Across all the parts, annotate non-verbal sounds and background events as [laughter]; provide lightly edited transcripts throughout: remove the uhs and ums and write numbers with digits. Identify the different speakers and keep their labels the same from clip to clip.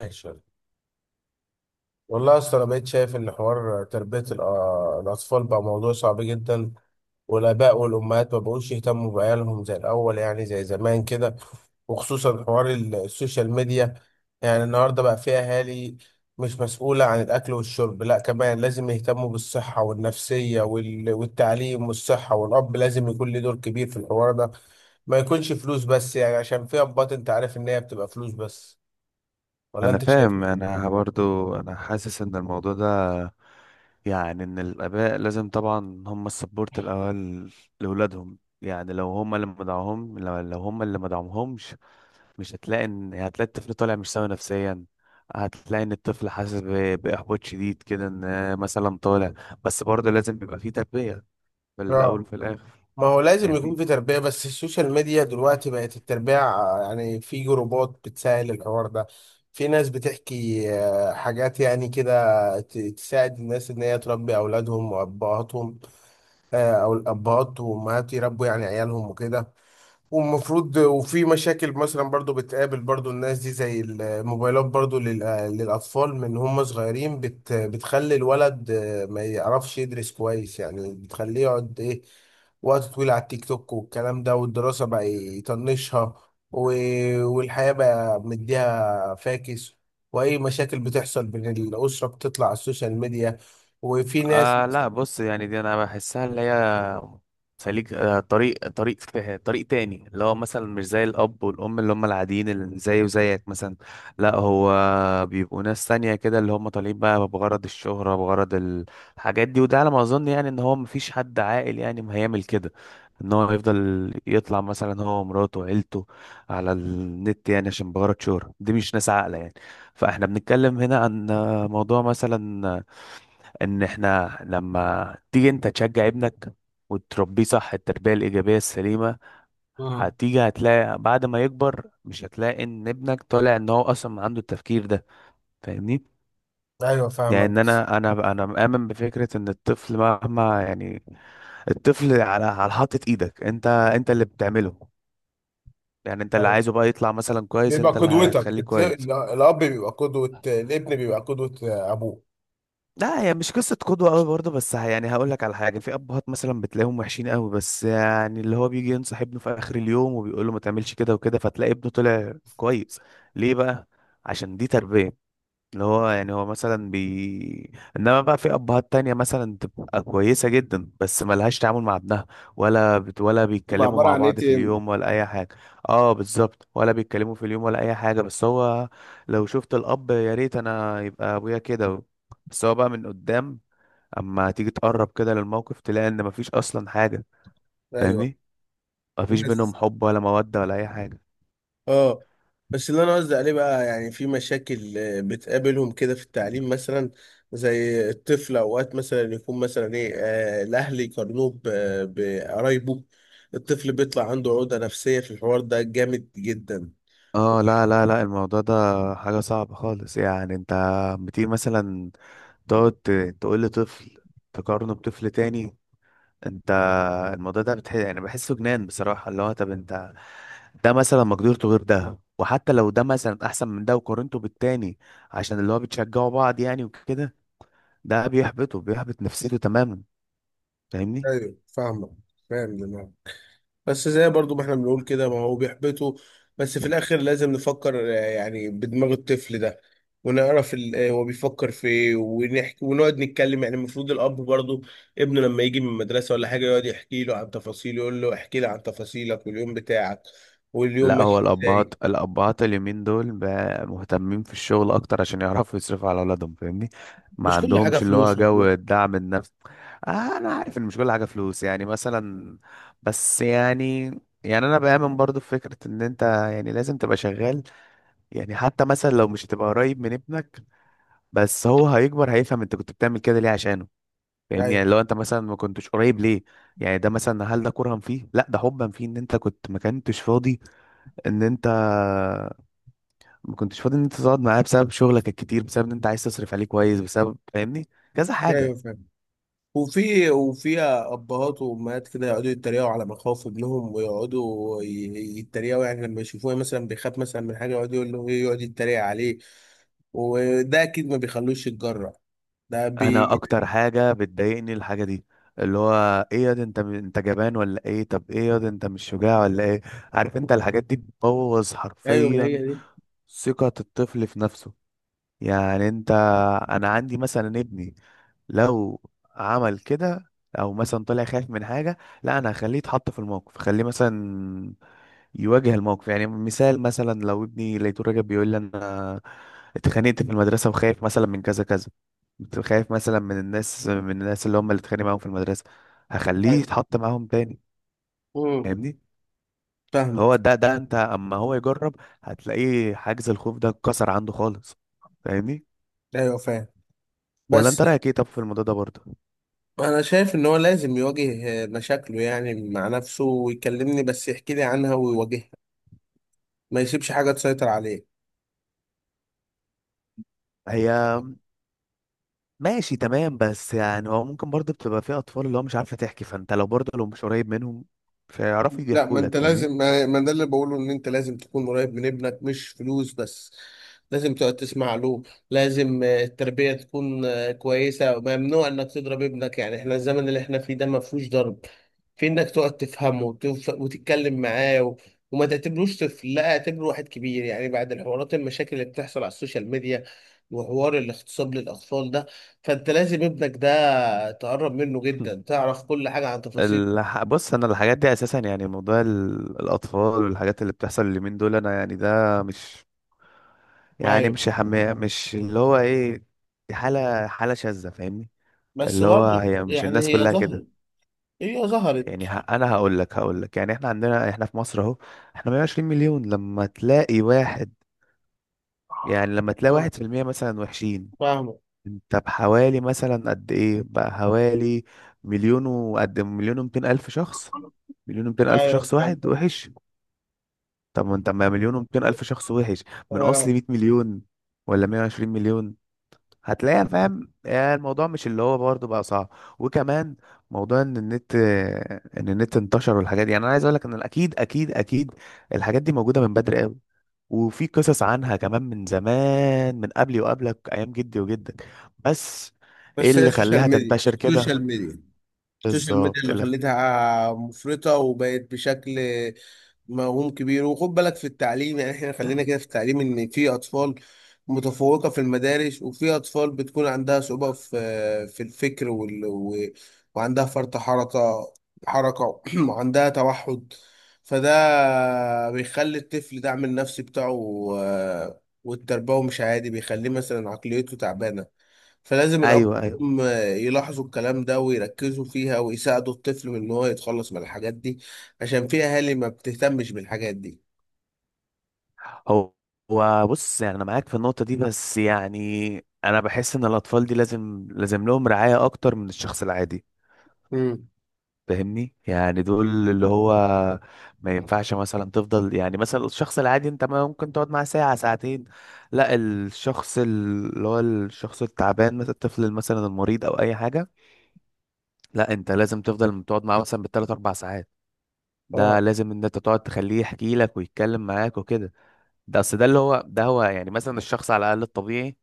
Speaker 1: ماشي يلا. والله يا اسطى، انا بقيت شايف ان حوار تربيه الاطفال بقى موضوع صعب جدا، والاباء والامهات ما بقوش يهتموا بعيالهم زي الاول، يعني زي زمان كده، وخصوصا حوار السوشيال ميديا. يعني النهارده بقى في اهالي مش مسؤوله عن الاكل والشرب لا كمان لازم يهتموا بالصحه والنفسيه والتعليم والصحه، والاب لازم يكون له دور كبير في الحوار ده. ما يكونش فلوس بس، يعني عشان في ابات انت عارف ان هي بتبقى فلوس بس، ولا
Speaker 2: انا
Speaker 1: انت شايف؟
Speaker 2: فاهم انا برضو انا حاسس ان الموضوع ده يعني ان الاباء لازم طبعا هم السبورت الاول لاولادهم، يعني لو هم اللي مدعوهم لو هم اللي مدعوهمش مش هتلاقي ان هتلاقي الطفل طالع مش سوي نفسيا. هتلاقي ان الطفل حاسس باحباط شديد كده، ان مثلا طالع. بس برضه لازم بيبقى فيه تربية في الاول
Speaker 1: اه،
Speaker 2: وفي الاخر.
Speaker 1: ما هو لازم يكون
Speaker 2: فاهمني؟
Speaker 1: في تربية، بس السوشيال ميديا دلوقتي بقت التربية، يعني في جروبات بتسهل الحوار ده. في ناس بتحكي حاجات يعني كده، تساعد الناس ان هي تربي اولادهم وابهاتهم، او الابهات وامهات يربوا يعني عيالهم وكده. ومفروض، وفي مشاكل مثلا برضو بتقابل برضو الناس دي زي الموبايلات برضو للأطفال من هم صغيرين، بتخلي الولد ما يعرفش يدرس كويس، يعني بتخليه يقعد وقت طويل على التيك توك والكلام ده، والدراسة بقى يطنشها، والحياة بقى مديها فاكس، وأي مشاكل بتحصل بين الأسرة بتطلع على السوشيال ميديا. وفي ناس.
Speaker 2: لا بص، يعني دي انا بحسها اللي هي سليك. طريق فيه طريق تاني اللي هو مثلا مش زي الاب والام اللي هم العاديين اللي زي وزيك مثلا. لا هو بيبقوا ناس تانية كده، اللي هم طالعين بقى بغرض الشهرة، بغرض الحاجات دي. وده على ما اظن يعني ان هو مفيش حد عاقل يعني ما هيعمل كده، ان هو يفضل يطلع مثلا هو ومراته وعيلته على النت، يعني عشان بغرض شهرة. دي مش ناس عاقلة يعني. فاحنا بنتكلم هنا عن موضوع مثلا ان احنا لما تيجي انت تشجع ابنك وتربيه صح التربية الإيجابية السليمة،
Speaker 1: اه.
Speaker 2: هتيجي هتلاقي بعد ما يكبر مش هتلاقي ان ابنك طالع ان هو اصلا عنده التفكير ده. فاهمني؟
Speaker 1: أيوة فاهمك،
Speaker 2: يعني
Speaker 1: بس
Speaker 2: انا مؤمن بفكرة ان الطفل مهما يعني، الطفل على حاطة ايدك، انت اللي بتعمله. يعني انت اللي عايزه بقى يطلع مثلا كويس،
Speaker 1: بيبقى
Speaker 2: انت اللي
Speaker 1: قدوتك
Speaker 2: هتخليه كويس.
Speaker 1: الاب بيبقى قدوة، الابن بيبقى قدوة ابوه.
Speaker 2: لا هي مش قصة قدوة قوي برضه، بس يعني هقول لك على حاجة. في أبهات مثلا بتلاقيهم وحشين قوي، بس يعني اللي هو بيجي ينصح ابنه في آخر اليوم وبيقول له ما تعملش كده وكده، فتلاقي ابنه طلع كويس. ليه بقى؟ عشان دي تربية. اللي هو يعني هو مثلا انما بقى في ابهات تانية مثلا تبقى كويسة جدا بس ملهاش تعامل مع ابنها، ولا
Speaker 1: تبقى
Speaker 2: بيتكلموا
Speaker 1: عباره
Speaker 2: مع
Speaker 1: عن ايه
Speaker 2: بعض في
Speaker 1: تاني.
Speaker 2: اليوم ولا اي حاجة. اه بالظبط، ولا بيتكلموا في اليوم ولا اي حاجة. بس هو لو شفت الاب يا ريت انا يبقى ابويا كده، بس هو بقى من قدام. اما تيجي تقرب كده للموقف تلاقي ان مفيش اصلا حاجة.
Speaker 1: ايوه.
Speaker 2: فاهمني؟ مفيش بينهم
Speaker 1: بس
Speaker 2: حب ولا مودة ولا اي حاجة.
Speaker 1: اه، بس اللي انا قصدي عليه بقى يعني في مشاكل بتقابلهم كده في التعليم مثلا، زي الطفل اوقات مثلا يكون مثلا ايه آه، الاهل يقارنوه بقرايبه، الطفل بيطلع عنده عقدة نفسية في الحوار ده جامد جدا.
Speaker 2: اه لا الموضوع ده حاجة صعبة خالص. يعني انت بتيجي مثلا تقعد تقول لطفل تقارنه بطفل تاني. انت الموضوع ده يعني بحسه جنان بصراحة. اللي هو طب انت ده مثلا مقدرته غير ده، وحتى لو ده مثلا احسن من ده وقارنته بالتاني عشان اللي هو بتشجعوا بعض يعني وكده، ده بيحبطه، بيحبط نفسيته تماما. فاهمني؟
Speaker 1: ايوه فاهمه. فاهم دماغك، بس زي برضو ما احنا بنقول كده، ما هو بيحبطه، بس في الاخر لازم نفكر يعني بدماغ الطفل ده، ونعرف هو بيفكر في ايه، ونحكي ونقعد نتكلم. يعني المفروض الاب برضو، ابنه لما يجي من المدرسه ولا حاجه يقعد يحكي له عن تفاصيله، يقول له احكي لي عن تفاصيلك واليوم بتاعك واليوم
Speaker 2: لا هو
Speaker 1: ماشي ازاي.
Speaker 2: الأبهات، الأبهات اليومين دول بقى مهتمين في الشغل أكتر عشان يعرفوا يصرفوا على أولادهم. فاهمني؟ ما
Speaker 1: مش كل حاجه
Speaker 2: عندهمش اللي هو
Speaker 1: فلوس
Speaker 2: جو
Speaker 1: والله.
Speaker 2: الدعم النفسي. آه أنا عارف إن مش كل حاجة فلوس يعني مثلا، بس يعني، يعني أنا بآمن برضو في فكرة إن أنت يعني لازم تبقى شغال. يعني حتى مثلا لو مش هتبقى قريب من ابنك، بس هو هيكبر هيفهم انت كنت بتعمل كده ليه، عشانه.
Speaker 1: لا،
Speaker 2: فاهمني؟ يعني
Speaker 1: ايوه.
Speaker 2: لو انت مثلا ما كنتش قريب ليه، يعني ده مثلا هل ده كرها فيه؟ لا، ده حبا فيه، ان انت كنت ما كنتش فاضي، ان انت ما كنتش فاضي ان انت تقعد معاه بسبب شغلك الكتير، بسبب ان انت عايز تصرف عليه كويس، بسبب فاهمني كذا
Speaker 1: لا،
Speaker 2: حاجة.
Speaker 1: ايوه. وفي، وفيها ابهات وامهات كده يقعدوا يتريقوا على مخاوف ابنهم، ويقعدوا يتريقوا، يعني لما يشوفوه مثلا بيخاف مثلا من حاجه يقعد يقول له يقعد يتريق عليه، وده اكيد ما بيخلوش يتجرأ. ده
Speaker 2: انا
Speaker 1: بي.
Speaker 2: اكتر حاجة بتضايقني الحاجة دي، اللي هو ايه يا ده انت جبان ولا ايه، طب ايه يا ده انت مش شجاع ولا ايه. عارف انت الحاجات دي بتبوظ
Speaker 1: ايوه ما هي
Speaker 2: حرفيا
Speaker 1: دي.
Speaker 2: ثقة الطفل في نفسه. يعني انت، انا عندي مثلا ابني، لو عمل كده او مثلا طلع خايف من حاجة، لا انا هخليه يتحط في الموقف، خليه مثلا يواجه الموقف. يعني مثال مثلا لو ابني لقيته راجع بيقول لي انا اتخانقت في المدرسة وخايف مثلا من كذا كذا، كنت خايف مثلا من الناس، من الناس اللي هم اللي اتخانق معاهم في المدرسة، هخليه
Speaker 1: ايوه.
Speaker 2: يتحط معاهم تاني.
Speaker 1: امم
Speaker 2: فاهمني؟
Speaker 1: فاهمك.
Speaker 2: هو ده، ده انت اما هو يجرب هتلاقيه حاجز الخوف ده اتكسر عنده خالص. فاهمني؟
Speaker 1: ايوه فاهم،
Speaker 2: ولا
Speaker 1: بس
Speaker 2: انت رايك ايه طب في الموضوع ده برضه؟
Speaker 1: انا شايف ان هو لازم يواجه مشاكله يعني مع نفسه، ويكلمني بس يحكي لي عنها ويواجهها، ما يسيبش حاجه تسيطر عليه.
Speaker 2: هي ماشي تمام، بس يعني هو ممكن برضه بتبقى في اطفال اللي هو مش عارفه تحكي، فانت لو برضه لو مش قريب منهم مش هيعرفوا
Speaker 1: لا،
Speaker 2: يحكوا
Speaker 1: ما
Speaker 2: لك.
Speaker 1: انت
Speaker 2: فاهمني؟
Speaker 1: لازم، ما ده اللي بقوله، ان انت لازم تكون قريب من ابنك مش فلوس بس، لازم تقعد تسمع له، لازم التربية تكون كويسة. ممنوع انك تضرب ابنك، يعني احنا الزمن اللي احنا فيه ده ما فيهوش ضرب، في انك تقعد تفهمه وتتكلم معاه، وما تعتبروش طفل، لا اعتبره واحد كبير، يعني بعد الحوارات المشاكل اللي بتحصل على السوشيال ميديا، وحوار الاغتصاب للاطفال ده، فانت لازم ابنك ده تقرب منه جدا، تعرف كل حاجة عن
Speaker 2: [laughs]
Speaker 1: تفاصيل.
Speaker 2: بص انا الحاجات دي اساسا، يعني موضوع الاطفال والحاجات اللي بتحصل اليومين دول، انا يعني ده مش يعني مش اللي هو ايه، دي حاله شاذه. فاهمني؟
Speaker 1: بس
Speaker 2: اللي هو
Speaker 1: برضه
Speaker 2: هي مش
Speaker 1: يعني
Speaker 2: الناس
Speaker 1: هي
Speaker 2: كلها كده.
Speaker 1: ظهرت. هي ظهرت.
Speaker 2: يعني انا هقول لك يعني احنا عندنا، احنا في مصر اهو احنا 120 مليون، لما تلاقي واحد، يعني لما تلاقي
Speaker 1: اه
Speaker 2: واحد في المية مثلا وحشين،
Speaker 1: فاهمة.
Speaker 2: انت بحوالي مثلا قد ايه بقى؟ حوالي مليون ومتين الف شخص. مليون ومتين الف
Speaker 1: أيوه
Speaker 2: شخص واحد
Speaker 1: فاهم.
Speaker 2: وحش. طب ما انت، ما مليون ومتين الف شخص وحش من اصل
Speaker 1: آه.
Speaker 2: 100 مليون ولا 120 مليون هتلاقيها. فاهم؟ يعني الموضوع مش اللي هو برضه بقى صعب. وكمان موضوع ان النت انتشر والحاجات دي، يعني انا عايز اقول لك ان اكيد اكيد الحاجات دي موجوده من بدري قوي، وفي قصص عنها كمان من زمان، من قبلي وقبلك ايام جدي وجدك. بس ايه
Speaker 1: بس هي
Speaker 2: اللي
Speaker 1: سوشيال
Speaker 2: خلاها
Speaker 1: ميديا.
Speaker 2: تنتشر كده
Speaker 1: سوشيال ميديا. السوشيال ميديا
Speaker 2: بالظبط؟ إيه
Speaker 1: اللي
Speaker 2: اللي؟
Speaker 1: خلتها مفرطة وبقت بشكل موهوم كبير. وخد بالك في التعليم، يعني احنا خلينا كده في التعليم، ان في اطفال متفوقة في المدارس، وفي اطفال بتكون عندها صعوبة في الفكر، وعندها فرط حركة، حركة [clears throat] وعندها توحد، فده بيخلي الطفل دعم النفسي بتاعه والتربوي مش عادي، بيخليه مثلا عقليته تعبانة، فلازم الأب
Speaker 2: ايوه
Speaker 1: والأم يلاحظوا الكلام ده ويركزوا فيها، ويساعدوا الطفل من إن هو يتخلص من الحاجات دي، عشان في أهالي ما بتهتمش بالحاجات دي.
Speaker 2: هو هو بص، يعني انا معاك في النقطه دي بس يعني انا بحس ان الاطفال دي لازم، لازم لهم رعايه اكتر من الشخص العادي.
Speaker 1: امم
Speaker 2: فاهمني؟ يعني دول اللي هو ما ينفعش مثلا تفضل، يعني مثلا الشخص العادي انت ما ممكن تقعد معاه ساعة ساعتين. لا، الشخص اللي هو الشخص التعبان مثلا، الطفل مثلا المريض او اي حاجة، لا انت لازم تفضل تقعد معاه مثلا بالثلاث اربع ساعات. ده
Speaker 1: اه
Speaker 2: لازم ان انت تقعد تخليه يحكي لك ويتكلم معاك وكده. ده اصل ده اللي هو ده هو يعني مثلا الشخص على الاقل الطبيعي،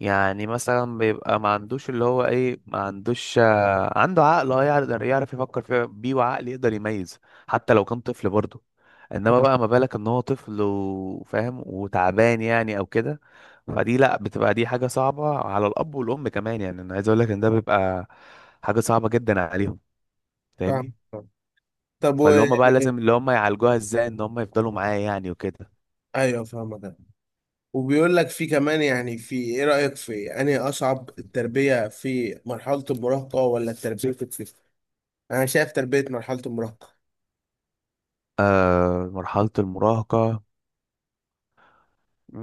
Speaker 2: يعني مثلا بيبقى ما عندوش اللي هو ايه، ما عندوش عنده عقل اه يقدر يعرف يفكر فيه بيه، وعقل يقدر يميز، حتى لو كان طفل برضه. انما بقى ما بالك ان هو طفل وفاهم وتعبان يعني او كده، فدي لا بتبقى دي حاجة صعبة على الاب والام كمان. يعني انا عايز اقول لك ان ده بيبقى حاجة صعبة جدا عليهم.
Speaker 1: فاهم.
Speaker 2: فاهمني؟
Speaker 1: طب
Speaker 2: فاللي هم بقى لازم اللي هم يعالجوها ازاي ان هم يفضلوا معاه يعني وكده.
Speaker 1: أيوه فاهمك أنا. وبيقول لك في كمان، يعني في إيه رأيك في أنهي أصعب، التربية في مرحلة المراهقة ولا التربية في الطفل؟ أنا شايف تربية مرحلة المراهقة.
Speaker 2: آه، مرحلة المراهقة.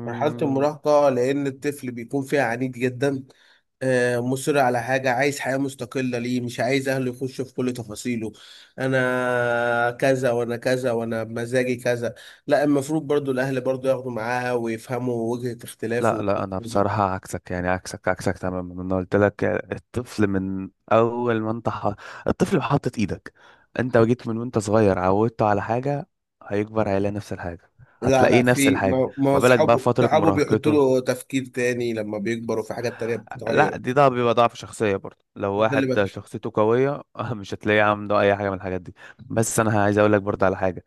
Speaker 1: مرحلة المراهقة لأن الطفل بيكون فيها عنيد جدا، مصر على حاجة، عايز حياة مستقلة، ليه مش عايز أهله يخشوا في كل تفاصيله، أنا كذا وأنا كذا وأنا بمزاجي كذا. لا، المفروض برضو الأهل برضو ياخدوا معاه ويفهموا وجهة
Speaker 2: لا
Speaker 1: اختلافه.
Speaker 2: لا، انا بصراحة عكسك، يعني عكسك تماما. انا قلت لك الطفل من اول ما انت الطفل بحطت ايدك، انت جيت من وانت صغير عودته على حاجة، هيكبر هيلاقي نفس الحاجة،
Speaker 1: لا
Speaker 2: هتلاقيه
Speaker 1: لا،
Speaker 2: نفس
Speaker 1: في،
Speaker 2: الحاجة.
Speaker 1: ما
Speaker 2: ما بالك بقى في
Speaker 1: أصحابه
Speaker 2: فترة
Speaker 1: صحابه بيحطوا
Speaker 2: مراهقته؟
Speaker 1: له تفكير تاني، لما بيكبروا في حاجات تانية
Speaker 2: لا
Speaker 1: بتتغير.
Speaker 2: دي، ده بيبقى ضعف شخصية برضه. لو
Speaker 1: ده اللي
Speaker 2: واحد
Speaker 1: بكشف.
Speaker 2: شخصيته قوية [laughs] مش هتلاقيه عنده اي حاجة من الحاجات دي. بس انا عايز اقول لك برضه على حاجة،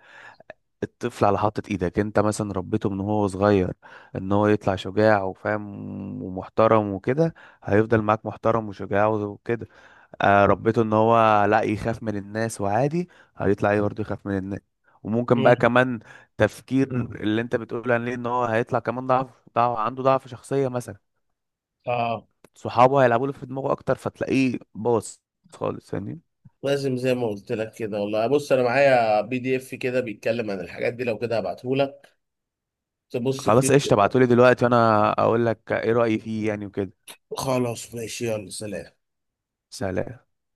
Speaker 2: الطفل على حاطة ايدك، انت مثلا ربيته من هو صغير ان هو يطلع شجاع وفاهم ومحترم وكده، هيفضل معاك محترم وشجاع وكده. آه ربيته ان هو لا يخاف من الناس وعادي، هيطلع ايه برضه؟ يخاف من الناس. وممكن
Speaker 1: مم.
Speaker 2: بقى كمان تفكير اللي انت بتقول عليه ان هو هيطلع كمان ضعف، عنده ضعف شخصية مثلا،
Speaker 1: اه
Speaker 2: صحابه هيلعبوا له في دماغه اكتر فتلاقيه باظ خالص يعني.
Speaker 1: لازم زي ما قلت لك كده. والله بص انا معايا PDF كده بيتكلم عن الحاجات دي، لو كده هبعته لك تبص فيه
Speaker 2: خلاص قشطة،
Speaker 1: كده.
Speaker 2: ابعتولي دلوقتي وانا اقول لك ايه رأيي فيه يعني وكده.
Speaker 1: خلاص ماشي يلا سلام.
Speaker 2: سلام.